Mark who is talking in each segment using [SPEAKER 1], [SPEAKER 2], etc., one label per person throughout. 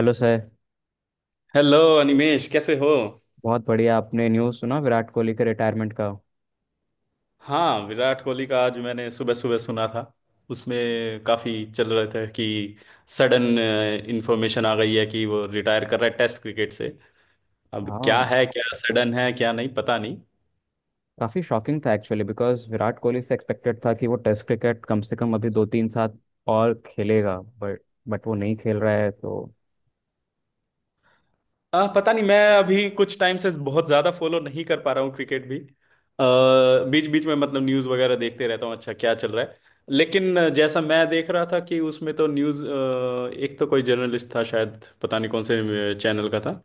[SPEAKER 1] Hello sir.
[SPEAKER 2] Hello Animesh, कैसे हो।
[SPEAKER 1] बहुत बढ़िया, आपने न्यूज़ सुना विराट कोहली के रिटायरमेंट का?
[SPEAKER 2] हाँ, विराट कोहली का आज मैंने सुबह सुबह सुना था। उसमें काफ़ी चल रहे थे कि सडन इंफॉर्मेशन आ गई है कि वो रिटायर कर रहा है टेस्ट क्रिकेट से। अब क्या
[SPEAKER 1] हाँ,
[SPEAKER 2] है, क्या सडन है क्या नहीं, पता नहीं।
[SPEAKER 1] काफ़ी शॉकिंग था एक्चुअली, बिकॉज विराट कोहली से एक्सपेक्टेड था कि वो टेस्ट क्रिकेट कम से कम अभी 2 3 साल और खेलेगा, बट वो नहीं खेल रहा है तो।
[SPEAKER 2] पता नहीं, मैं अभी कुछ टाइम से बहुत ज्यादा फॉलो नहीं कर पा रहा हूँ क्रिकेट भी। बीच बीच में मतलब न्यूज वगैरह देखते रहता हूँ, अच्छा क्या चल रहा है। लेकिन जैसा मैं देख रहा था कि उसमें तो न्यूज, एक तो कोई जर्नलिस्ट था शायद, पता नहीं कौन से चैनल का था,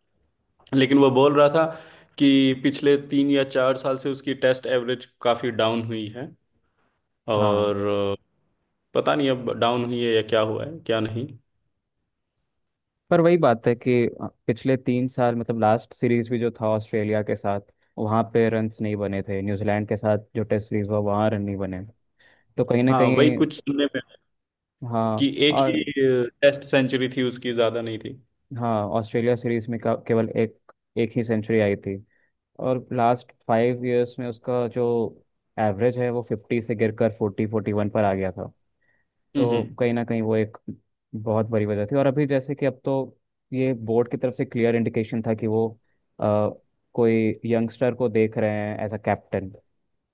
[SPEAKER 2] लेकिन वो बोल रहा था कि पिछले 3 या 4 साल से उसकी टेस्ट एवरेज काफी डाउन हुई है।
[SPEAKER 1] हाँ।
[SPEAKER 2] और अ, पता नहीं अब डाउन हुई है या क्या हुआ है क्या नहीं।
[SPEAKER 1] पर वही बात है कि पिछले तीन साल, मतलब लास्ट सीरीज भी जो था ऑस्ट्रेलिया के साथ, वहाँ पे रन्स नहीं बने थे। न्यूजीलैंड के साथ जो टेस्ट सीरीज हुआ वहाँ रन नहीं बने। तो कहीं ना
[SPEAKER 2] हाँ, वही
[SPEAKER 1] कहीं।
[SPEAKER 2] कुछ सुनने में आया
[SPEAKER 1] हाँ।
[SPEAKER 2] कि एक ही
[SPEAKER 1] और
[SPEAKER 2] टेस्ट सेंचुरी थी उसकी, ज्यादा नहीं थी।
[SPEAKER 1] हाँ, ऑस्ट्रेलिया सीरीज में केवल एक एक ही सेंचुरी आई थी। और लास्ट 5 इयर्स में उसका जो एवरेज है वो 50 से गिरकर 40 41 पर आ गया था।
[SPEAKER 2] हम्म,
[SPEAKER 1] तो कहीं ना कहीं वो एक बहुत बड़ी वजह थी। और अभी जैसे कि अब तो ये बोर्ड की तरफ से क्लियर इंडिकेशन था कि वो अ, कोई यंगस्टर को देख रहे हैं एज अ कैप्टन।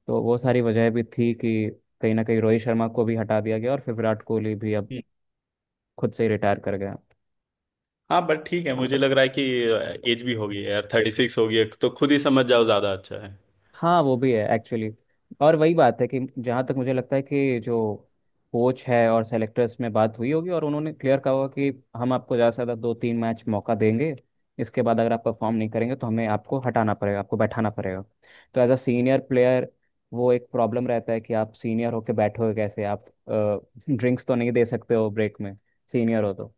[SPEAKER 1] तो वो सारी वजह भी थी कि कहीं ना कहीं रोहित शर्मा को भी हटा दिया गया और फिर विराट कोहली भी अब खुद से ही रिटायर कर गया।
[SPEAKER 2] हाँ, बट ठीक है, मुझे लग रहा है कि एज भी होगी यार, 36 होगी तो खुद ही समझ जाओ, ज्यादा अच्छा है।
[SPEAKER 1] हाँ वो भी है एक्चुअली। और वही बात है कि जहाँ तक मुझे लगता है कि जो कोच है और सेलेक्टर्स में बात हुई होगी और उन्होंने क्लियर कहा होगा कि हम आपको ज़्यादा से ज़्यादा 2 3 मैच मौका देंगे, इसके बाद अगर आप परफॉर्म नहीं करेंगे तो हमें आपको हटाना पड़ेगा, आपको बैठाना पड़ेगा। तो एज अ सीनियर प्लेयर वो एक प्रॉब्लम रहता है कि आप सीनियर होके बैठोगे कैसे, आप ड्रिंक्स तो नहीं दे सकते हो ब्रेक में, सीनियर हो तो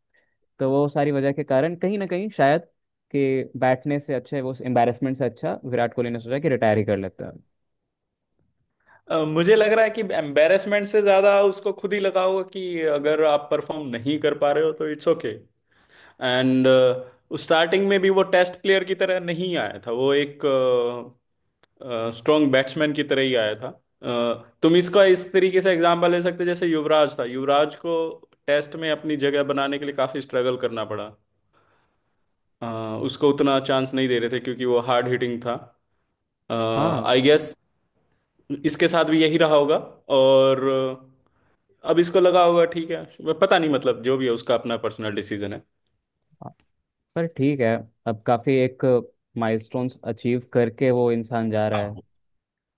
[SPEAKER 1] तो वो सारी वजह के कारण कहीं ना कहीं शायद कि बैठने से अच्छा है, वो एम्बैरेसमेंट से अच्छा, विराट कोहली ने सोचा कि रिटायर ही कर लेता है।
[SPEAKER 2] मुझे लग रहा है कि एम्बेरसमेंट से ज्यादा उसको खुद ही लगा होगा कि अगर आप परफॉर्म नहीं कर पा रहे हो तो इट्स ओके। एंड स्टार्टिंग में भी वो टेस्ट प्लेयर की तरह नहीं आया था, वो एक स्ट्रॉन्ग बैट्समैन की तरह ही आया था। तुम इसका इस तरीके से एग्जाम्पल ले सकते हो, जैसे युवराज था, युवराज को टेस्ट में अपनी जगह बनाने के लिए काफी स्ट्रगल करना पड़ा। उसको उतना चांस नहीं दे रहे थे क्योंकि वो हार्ड हिटिंग था।
[SPEAKER 1] हाँ।
[SPEAKER 2] आई गेस इसके साथ भी यही रहा होगा। और अब इसको लगा होगा ठीक है, पता नहीं, मतलब जो भी है उसका अपना पर्सनल डिसीजन है।
[SPEAKER 1] पर ठीक है, अब काफी एक माइलस्टोन्स अचीव करके वो इंसान जा रहा
[SPEAKER 2] हाँ।
[SPEAKER 1] है।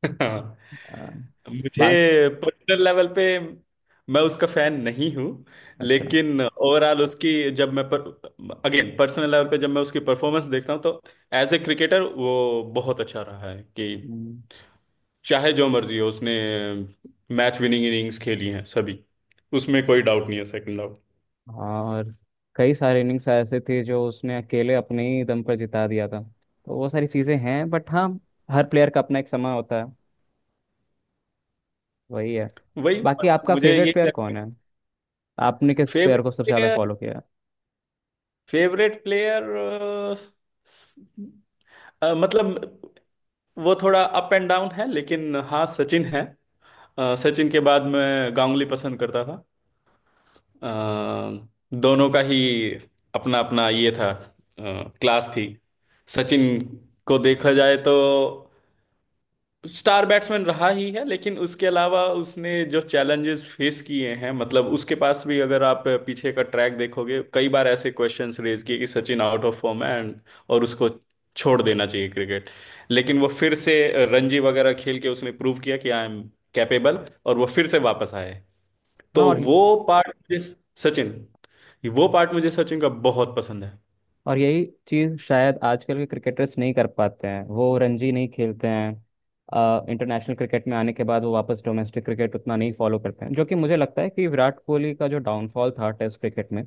[SPEAKER 2] हाँ।
[SPEAKER 1] आ,
[SPEAKER 2] मुझे
[SPEAKER 1] बात।
[SPEAKER 2] पर्सनल लेवल पे, मैं उसका फैन नहीं हूँ।
[SPEAKER 1] अच्छा।
[SPEAKER 2] लेकिन ओवरऑल उसकी, जब मैं अगेन पर्सनल लेवल पे जब मैं उसकी परफॉर्मेंस देखता हूँ, तो एज ए क्रिकेटर वो बहुत अच्छा रहा है कि
[SPEAKER 1] हम्म।
[SPEAKER 2] चाहे जो मर्जी हो उसने मैच विनिंग इनिंग्स खेली हैं सभी, उसमें कोई डाउट नहीं है, सेकंड डाउट।
[SPEAKER 1] और कई सारे इनिंग्स ऐसे थे जो उसने अकेले अपने ही दम पर जिता दिया था। तो वो सारी चीजें हैं, बट हाँ, हर प्लेयर का अपना एक समय होता है, वही है।
[SPEAKER 2] वही,
[SPEAKER 1] बाकी
[SPEAKER 2] मतलब
[SPEAKER 1] आपका
[SPEAKER 2] मुझे
[SPEAKER 1] फेवरेट
[SPEAKER 2] यही
[SPEAKER 1] प्लेयर
[SPEAKER 2] लगता है।
[SPEAKER 1] कौन है? आपने किस प्लेयर
[SPEAKER 2] फेवरेट
[SPEAKER 1] को सबसे ज्यादा
[SPEAKER 2] प्लेयर,
[SPEAKER 1] फॉलो किया है?
[SPEAKER 2] फेवरेट प्लेयर, मतलब वो थोड़ा अप एंड डाउन है, लेकिन हाँ सचिन है। सचिन के बाद मैं गांगुली पसंद करता था। अ, दोनों का ही अपना अपना ये था। अ, क्लास थी। सचिन को देखा जाए तो स्टार बैट्समैन रहा ही है, लेकिन उसके अलावा उसने जो चैलेंजेस फेस किए हैं, मतलब उसके पास भी अगर आप पीछे का ट्रैक देखोगे, कई बार ऐसे क्वेश्चंस रेज किए कि सचिन आउट ऑफ फॉर्म है एंड और उसको छोड़ देना चाहिए क्रिकेट। लेकिन वो फिर से रणजी वगैरह खेल के उसने प्रूव किया कि आई एम कैपेबल, और वो फिर से वापस आए।
[SPEAKER 1] हाँ।
[SPEAKER 2] तो
[SPEAKER 1] और
[SPEAKER 2] वो पार्ट मुझे सचिन वो पार्ट मुझे सचिन का बहुत पसंद है।
[SPEAKER 1] और यही चीज़ शायद आजकल के क्रिकेटर्स नहीं कर पाते हैं, वो रणजी नहीं खेलते हैं। इंटरनेशनल क्रिकेट में आने के बाद वो वापस डोमेस्टिक क्रिकेट उतना नहीं फॉलो करते हैं, जो कि मुझे लगता है कि विराट कोहली का जो डाउनफॉल था टेस्ट क्रिकेट में,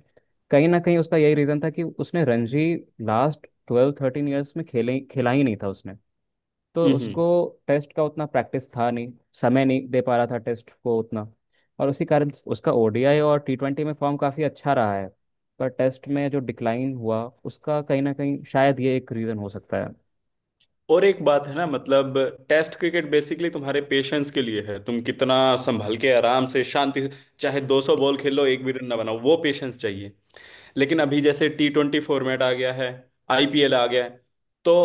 [SPEAKER 1] कहीं ना कहीं उसका यही रीज़न था कि उसने रणजी लास्ट 12 13 ईयर्स में खेले खेला ही नहीं था उसने। तो
[SPEAKER 2] हम्म
[SPEAKER 1] उसको टेस्ट का उतना प्रैक्टिस था नहीं, समय नहीं दे पा रहा था टेस्ट को उतना। और उसी कारण उसका ओडीआई और T20 में फॉर्म काफ़ी अच्छा रहा है, पर टेस्ट में जो डिक्लाइन हुआ उसका, कहीं ना कहीं शायद ये एक रीज़न हो सकता है।
[SPEAKER 2] और एक बात है ना, मतलब टेस्ट क्रिकेट बेसिकली तुम्हारे पेशेंस के लिए है, तुम कितना संभल के आराम से शांति से चाहे 200 बॉल खेलो एक भी रन ना बनाओ, वो पेशेंस चाहिए। लेकिन अभी जैसे T20 फॉर्मेट आ गया है, IPL आ गया है, तो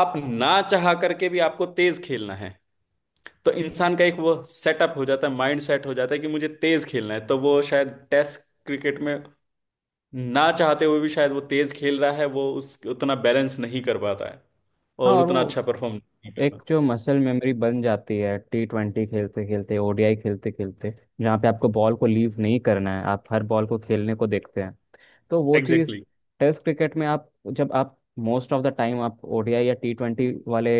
[SPEAKER 2] आप ना चाह करके भी आपको तेज खेलना है। तो इंसान का एक वो सेटअप हो जाता है, माइंड सेट हो जाता है कि मुझे तेज खेलना है, तो वो शायद टेस्ट क्रिकेट में ना चाहते हुए भी शायद वो तेज खेल रहा है, वो उस उतना बैलेंस नहीं कर पाता है।
[SPEAKER 1] हाँ।
[SPEAKER 2] और
[SPEAKER 1] और वो
[SPEAKER 2] उतना अच्छा परफॉर्म नहीं कर
[SPEAKER 1] एक
[SPEAKER 2] पाता।
[SPEAKER 1] जो मसल मेमोरी बन जाती है T20 खेलते खेलते, ओडीआई खेलते खेलते, जहाँ पे आपको बॉल को लीव नहीं करना है, आप हर बॉल को खेलने को देखते हैं। तो वो चीज़
[SPEAKER 2] एग्जैक्टली exactly.
[SPEAKER 1] टेस्ट क्रिकेट में, आप जब आप मोस्ट ऑफ द टाइम आप ओडीआई या T20 वाले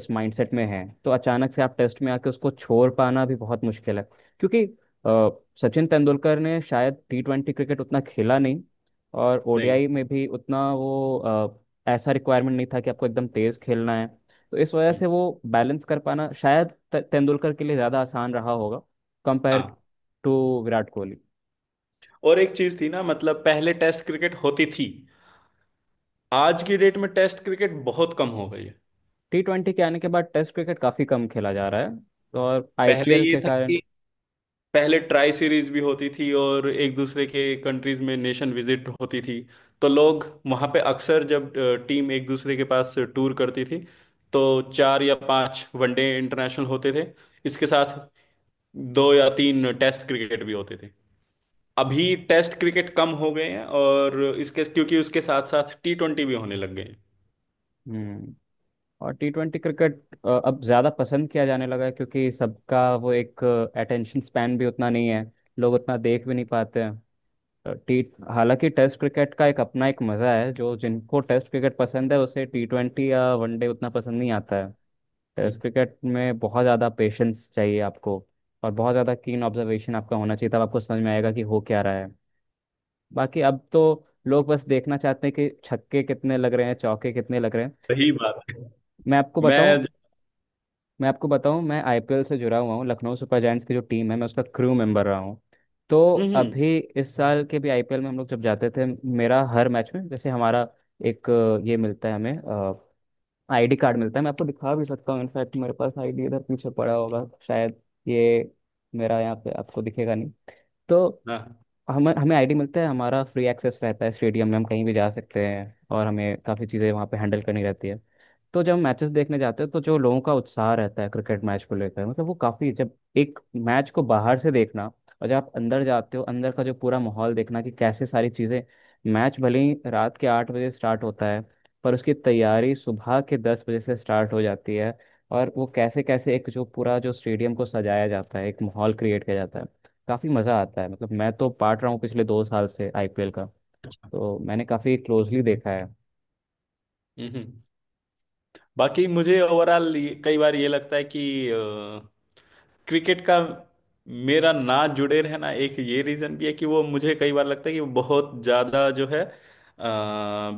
[SPEAKER 1] उस माइंडसेट में हैं तो अचानक से आप टेस्ट में आके उसको छोड़ पाना भी बहुत मुश्किल है। क्योंकि अ, सचिन तेंदुलकर ने शायद T20 क्रिकेट उतना खेला नहीं, और
[SPEAKER 2] नहीं,
[SPEAKER 1] ओडीआई में भी उतना वो ऐसा रिक्वायरमेंट नहीं था कि आपको एकदम तेज खेलना है। तो इस वजह
[SPEAKER 2] नहीं।
[SPEAKER 1] से वो बैलेंस कर पाना शायद तेंदुलकर के लिए ज़्यादा आसान रहा होगा कंपेयर
[SPEAKER 2] हाँ,
[SPEAKER 1] टू विराट कोहली।
[SPEAKER 2] और एक चीज थी ना, मतलब पहले टेस्ट क्रिकेट होती थी, आज की डेट में टेस्ट क्रिकेट बहुत कम हो गई है।
[SPEAKER 1] T20 के आने के बाद टेस्ट क्रिकेट काफी कम खेला जा रहा है, तो और
[SPEAKER 2] पहले
[SPEAKER 1] आईपीएल
[SPEAKER 2] ये
[SPEAKER 1] के
[SPEAKER 2] था
[SPEAKER 1] कारण।
[SPEAKER 2] कि पहले ट्राई सीरीज भी होती थी, और एक दूसरे के कंट्रीज में नेशन विजिट होती थी। तो लोग वहाँ पे अक्सर, जब टीम एक दूसरे के पास टूर करती थी, तो 4 या 5 वनडे इंटरनेशनल होते थे, इसके साथ 2 या 3 टेस्ट क्रिकेट भी होते थे। अभी टेस्ट क्रिकेट कम हो गए हैं, और इसके क्योंकि उसके साथ साथ T20 भी होने लग गए हैं।
[SPEAKER 1] हम्म। और टी ट्वेंटी क्रिकेट अब ज्यादा पसंद किया जाने लगा है क्योंकि सबका वो एक अटेंशन स्पैन भी उतना नहीं है, लोग उतना देख भी नहीं पाते हैं। टी, हालांकि टेस्ट क्रिकेट का एक अपना एक मजा है, जो जिनको टेस्ट क्रिकेट पसंद है उसे T20 या वनडे उतना पसंद नहीं आता है। टेस्ट
[SPEAKER 2] हम्म।
[SPEAKER 1] क्रिकेट में बहुत ज्यादा पेशेंस चाहिए आपको, और बहुत ज्यादा कीन ऑब्जर्वेशन आपका होना चाहिए तब आपको समझ में आएगा कि हो क्या रहा है। बाकी अब तो लोग बस देखना चाहते हैं कि छक्के कितने लग रहे हैं, चौके कितने लग रहे हैं।
[SPEAKER 2] सही बात है।
[SPEAKER 1] मैं आपको
[SPEAKER 2] मैं।
[SPEAKER 1] बताऊं मैं आपको बताऊं, मैं आईपीएल से जुड़ा हुआ हूँ। लखनऊ सुपर जायंट्स की जो टीम है, मैं उसका क्रू मेंबर रहा हूँ। तो
[SPEAKER 2] हम्म, हम्म।
[SPEAKER 1] अभी इस साल के भी आईपीएल में हम लोग जब जाते थे, मेरा हर मैच में जैसे हमारा एक ये मिलता है हमें, आईडी कार्ड मिलता है। मैं आपको दिखा भी सकता हूँ, इनफैक्ट मेरे पास आईडी इधर पीछे पड़ा होगा शायद, ये। मेरा यहाँ पे आपको दिखेगा नहीं। तो
[SPEAKER 2] हाँ।
[SPEAKER 1] हमें हमें आईडी मिलता है, हमारा फ्री एक्सेस रहता है स्टेडियम में, हम कहीं भी जा सकते हैं और हमें काफ़ी चीज़ें वहाँ पे हैंडल करनी रहती है। तो जब मैचेस देखने जाते हैं तो जो लोगों का उत्साह रहता है क्रिकेट मैच को लेकर, मतलब वो काफी, जब एक मैच को बाहर से देखना और जब आप अंदर जाते हो अंदर का जो पूरा माहौल देखना कि कैसे सारी चीजें। मैच भले ही रात के 8 बजे स्टार्ट होता है, पर उसकी तैयारी सुबह के 10 बजे से स्टार्ट हो जाती है। और वो कैसे कैसे एक जो पूरा जो स्टेडियम को सजाया जाता है, एक माहौल क्रिएट किया जाता है, काफी मजा आता है। मतलब मैं तो पार्ट रहा हूँ पिछले 2 साल से आईपीएल का,
[SPEAKER 2] अच्छा।
[SPEAKER 1] तो मैंने काफी क्लोजली देखा है।
[SPEAKER 2] हम्म, बाकी मुझे ओवरऑल कई बार ये लगता है कि क्रिकेट का मेरा ना जुड़े रहना एक ये रीजन भी है कि वो, मुझे कई बार लगता है कि वो बहुत ज्यादा जो है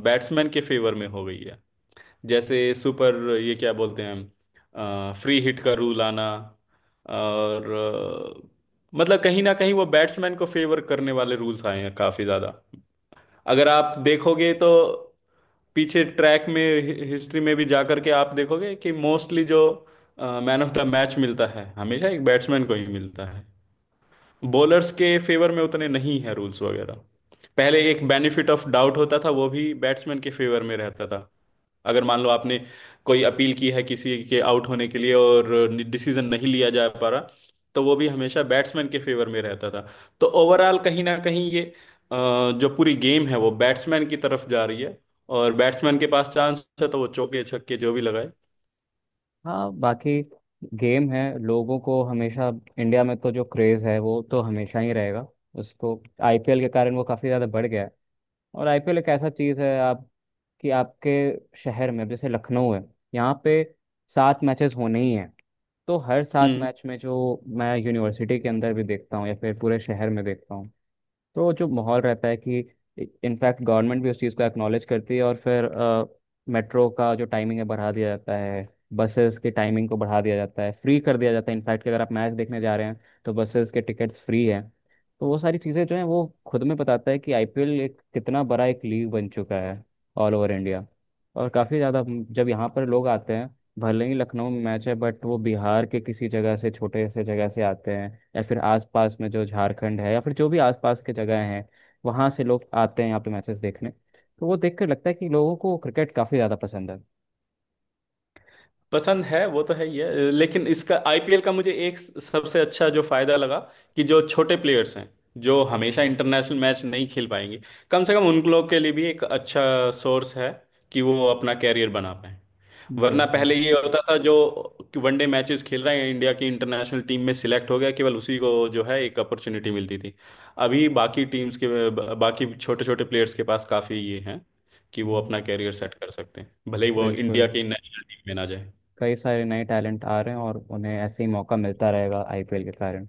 [SPEAKER 2] बैट्समैन के फेवर में हो गई है। जैसे सुपर, ये क्या बोलते हैं, फ्री हिट का रूल आना, और मतलब कहीं ना कहीं वो बैट्समैन को फेवर करने वाले रूल्स आए हैं काफी ज्यादा। अगर आप देखोगे तो पीछे ट्रैक में, हिस्ट्री में भी जा करके आप देखोगे कि मोस्टली जो मैन ऑफ द मैच मिलता है हमेशा एक बैट्समैन को ही मिलता है। बॉलर्स के फेवर में उतने नहीं है रूल्स वगैरह। पहले एक बेनिफिट ऑफ डाउट होता था, वो भी बैट्समैन के फेवर में रहता था। अगर मान लो आपने कोई अपील की है किसी के आउट होने के लिए और डिसीजन नहीं लिया जा पा रहा, तो वो भी हमेशा बैट्समैन के फेवर में रहता था। तो ओवरऑल कहीं ना कहीं ये, जो पूरी गेम है वो बैट्समैन की तरफ जा रही है। और बैट्समैन के पास चांस है तो वो चौके छक्के जो भी लगाए।
[SPEAKER 1] हाँ। बाकी गेम है, लोगों को हमेशा इंडिया में तो जो क्रेज़ है वो तो हमेशा ही रहेगा उसको। आईपीएल के कारण वो काफ़ी ज़्यादा बढ़ गया है। और आईपीएल एक ऐसा चीज़ है आप, कि आपके शहर में, जैसे लखनऊ है, यहाँ पे 7 मैचेस होने ही हैं। तो हर सात
[SPEAKER 2] हम्म।
[SPEAKER 1] मैच में जो मैं यूनिवर्सिटी के अंदर भी देखता हूँ या फिर पूरे शहर में देखता हूँ, तो जो माहौल रहता है कि इनफैक्ट गवर्नमेंट भी उस चीज़ को एक्नॉलेज करती है, और फिर मेट्रो का जो टाइमिंग है बढ़ा दिया जाता है, बसेस की टाइमिंग को बढ़ा दिया जाता है, फ्री कर दिया जाता है इनफैक्ट, कि अगर आप मैच देखने जा रहे हैं तो बसेस के टिकट्स फ्री हैं। तो वो सारी चीज़ें जो हैं वो खुद में बताता है कि आईपीएल एक कितना बड़ा एक लीग बन चुका है ऑल ओवर इंडिया। और काफ़ी ज़्यादा जब यहाँ पर लोग आते हैं, भले ही लखनऊ में मैच है बट वो बिहार के किसी जगह से, छोटे से जगह से आते हैं, या फिर आसपास में जो झारखंड है या फिर जो भी आसपास के जगह हैं, वहाँ से लोग आते हैं यहाँ पे मैचेस देखने। तो वो देखकर लगता है कि लोगों को क्रिकेट काफ़ी ज़्यादा पसंद है।
[SPEAKER 2] पसंद है वो तो है ही है, लेकिन इसका IPL का मुझे एक सबसे अच्छा जो फायदा लगा कि जो छोटे प्लेयर्स हैं जो हमेशा इंटरनेशनल मैच नहीं खेल पाएंगे, कम से कम उन लोग के लिए भी एक अच्छा सोर्स है कि वो अपना कैरियर बना पाए। वरना
[SPEAKER 1] बिल्कुल।
[SPEAKER 2] पहले ये होता था जो वनडे मैचेस खेल रहे हैं इंडिया की इंटरनेशनल टीम में सिलेक्ट हो गया, केवल उसी को जो है एक अपॉर्चुनिटी मिलती थी। अभी बाकी टीम्स के, बाकी छोटे छोटे प्लेयर्स के पास काफी ये हैं कि वो
[SPEAKER 1] हम्म।
[SPEAKER 2] अपना कैरियर सेट कर सकते हैं, भले ही वो इंडिया
[SPEAKER 1] बिल्कुल।
[SPEAKER 2] की नेशनल टीम में ना जाए।
[SPEAKER 1] कई सारे नए टैलेंट आ रहे हैं और उन्हें ऐसे ही मौका मिलता रहेगा आईपीएल के कारण।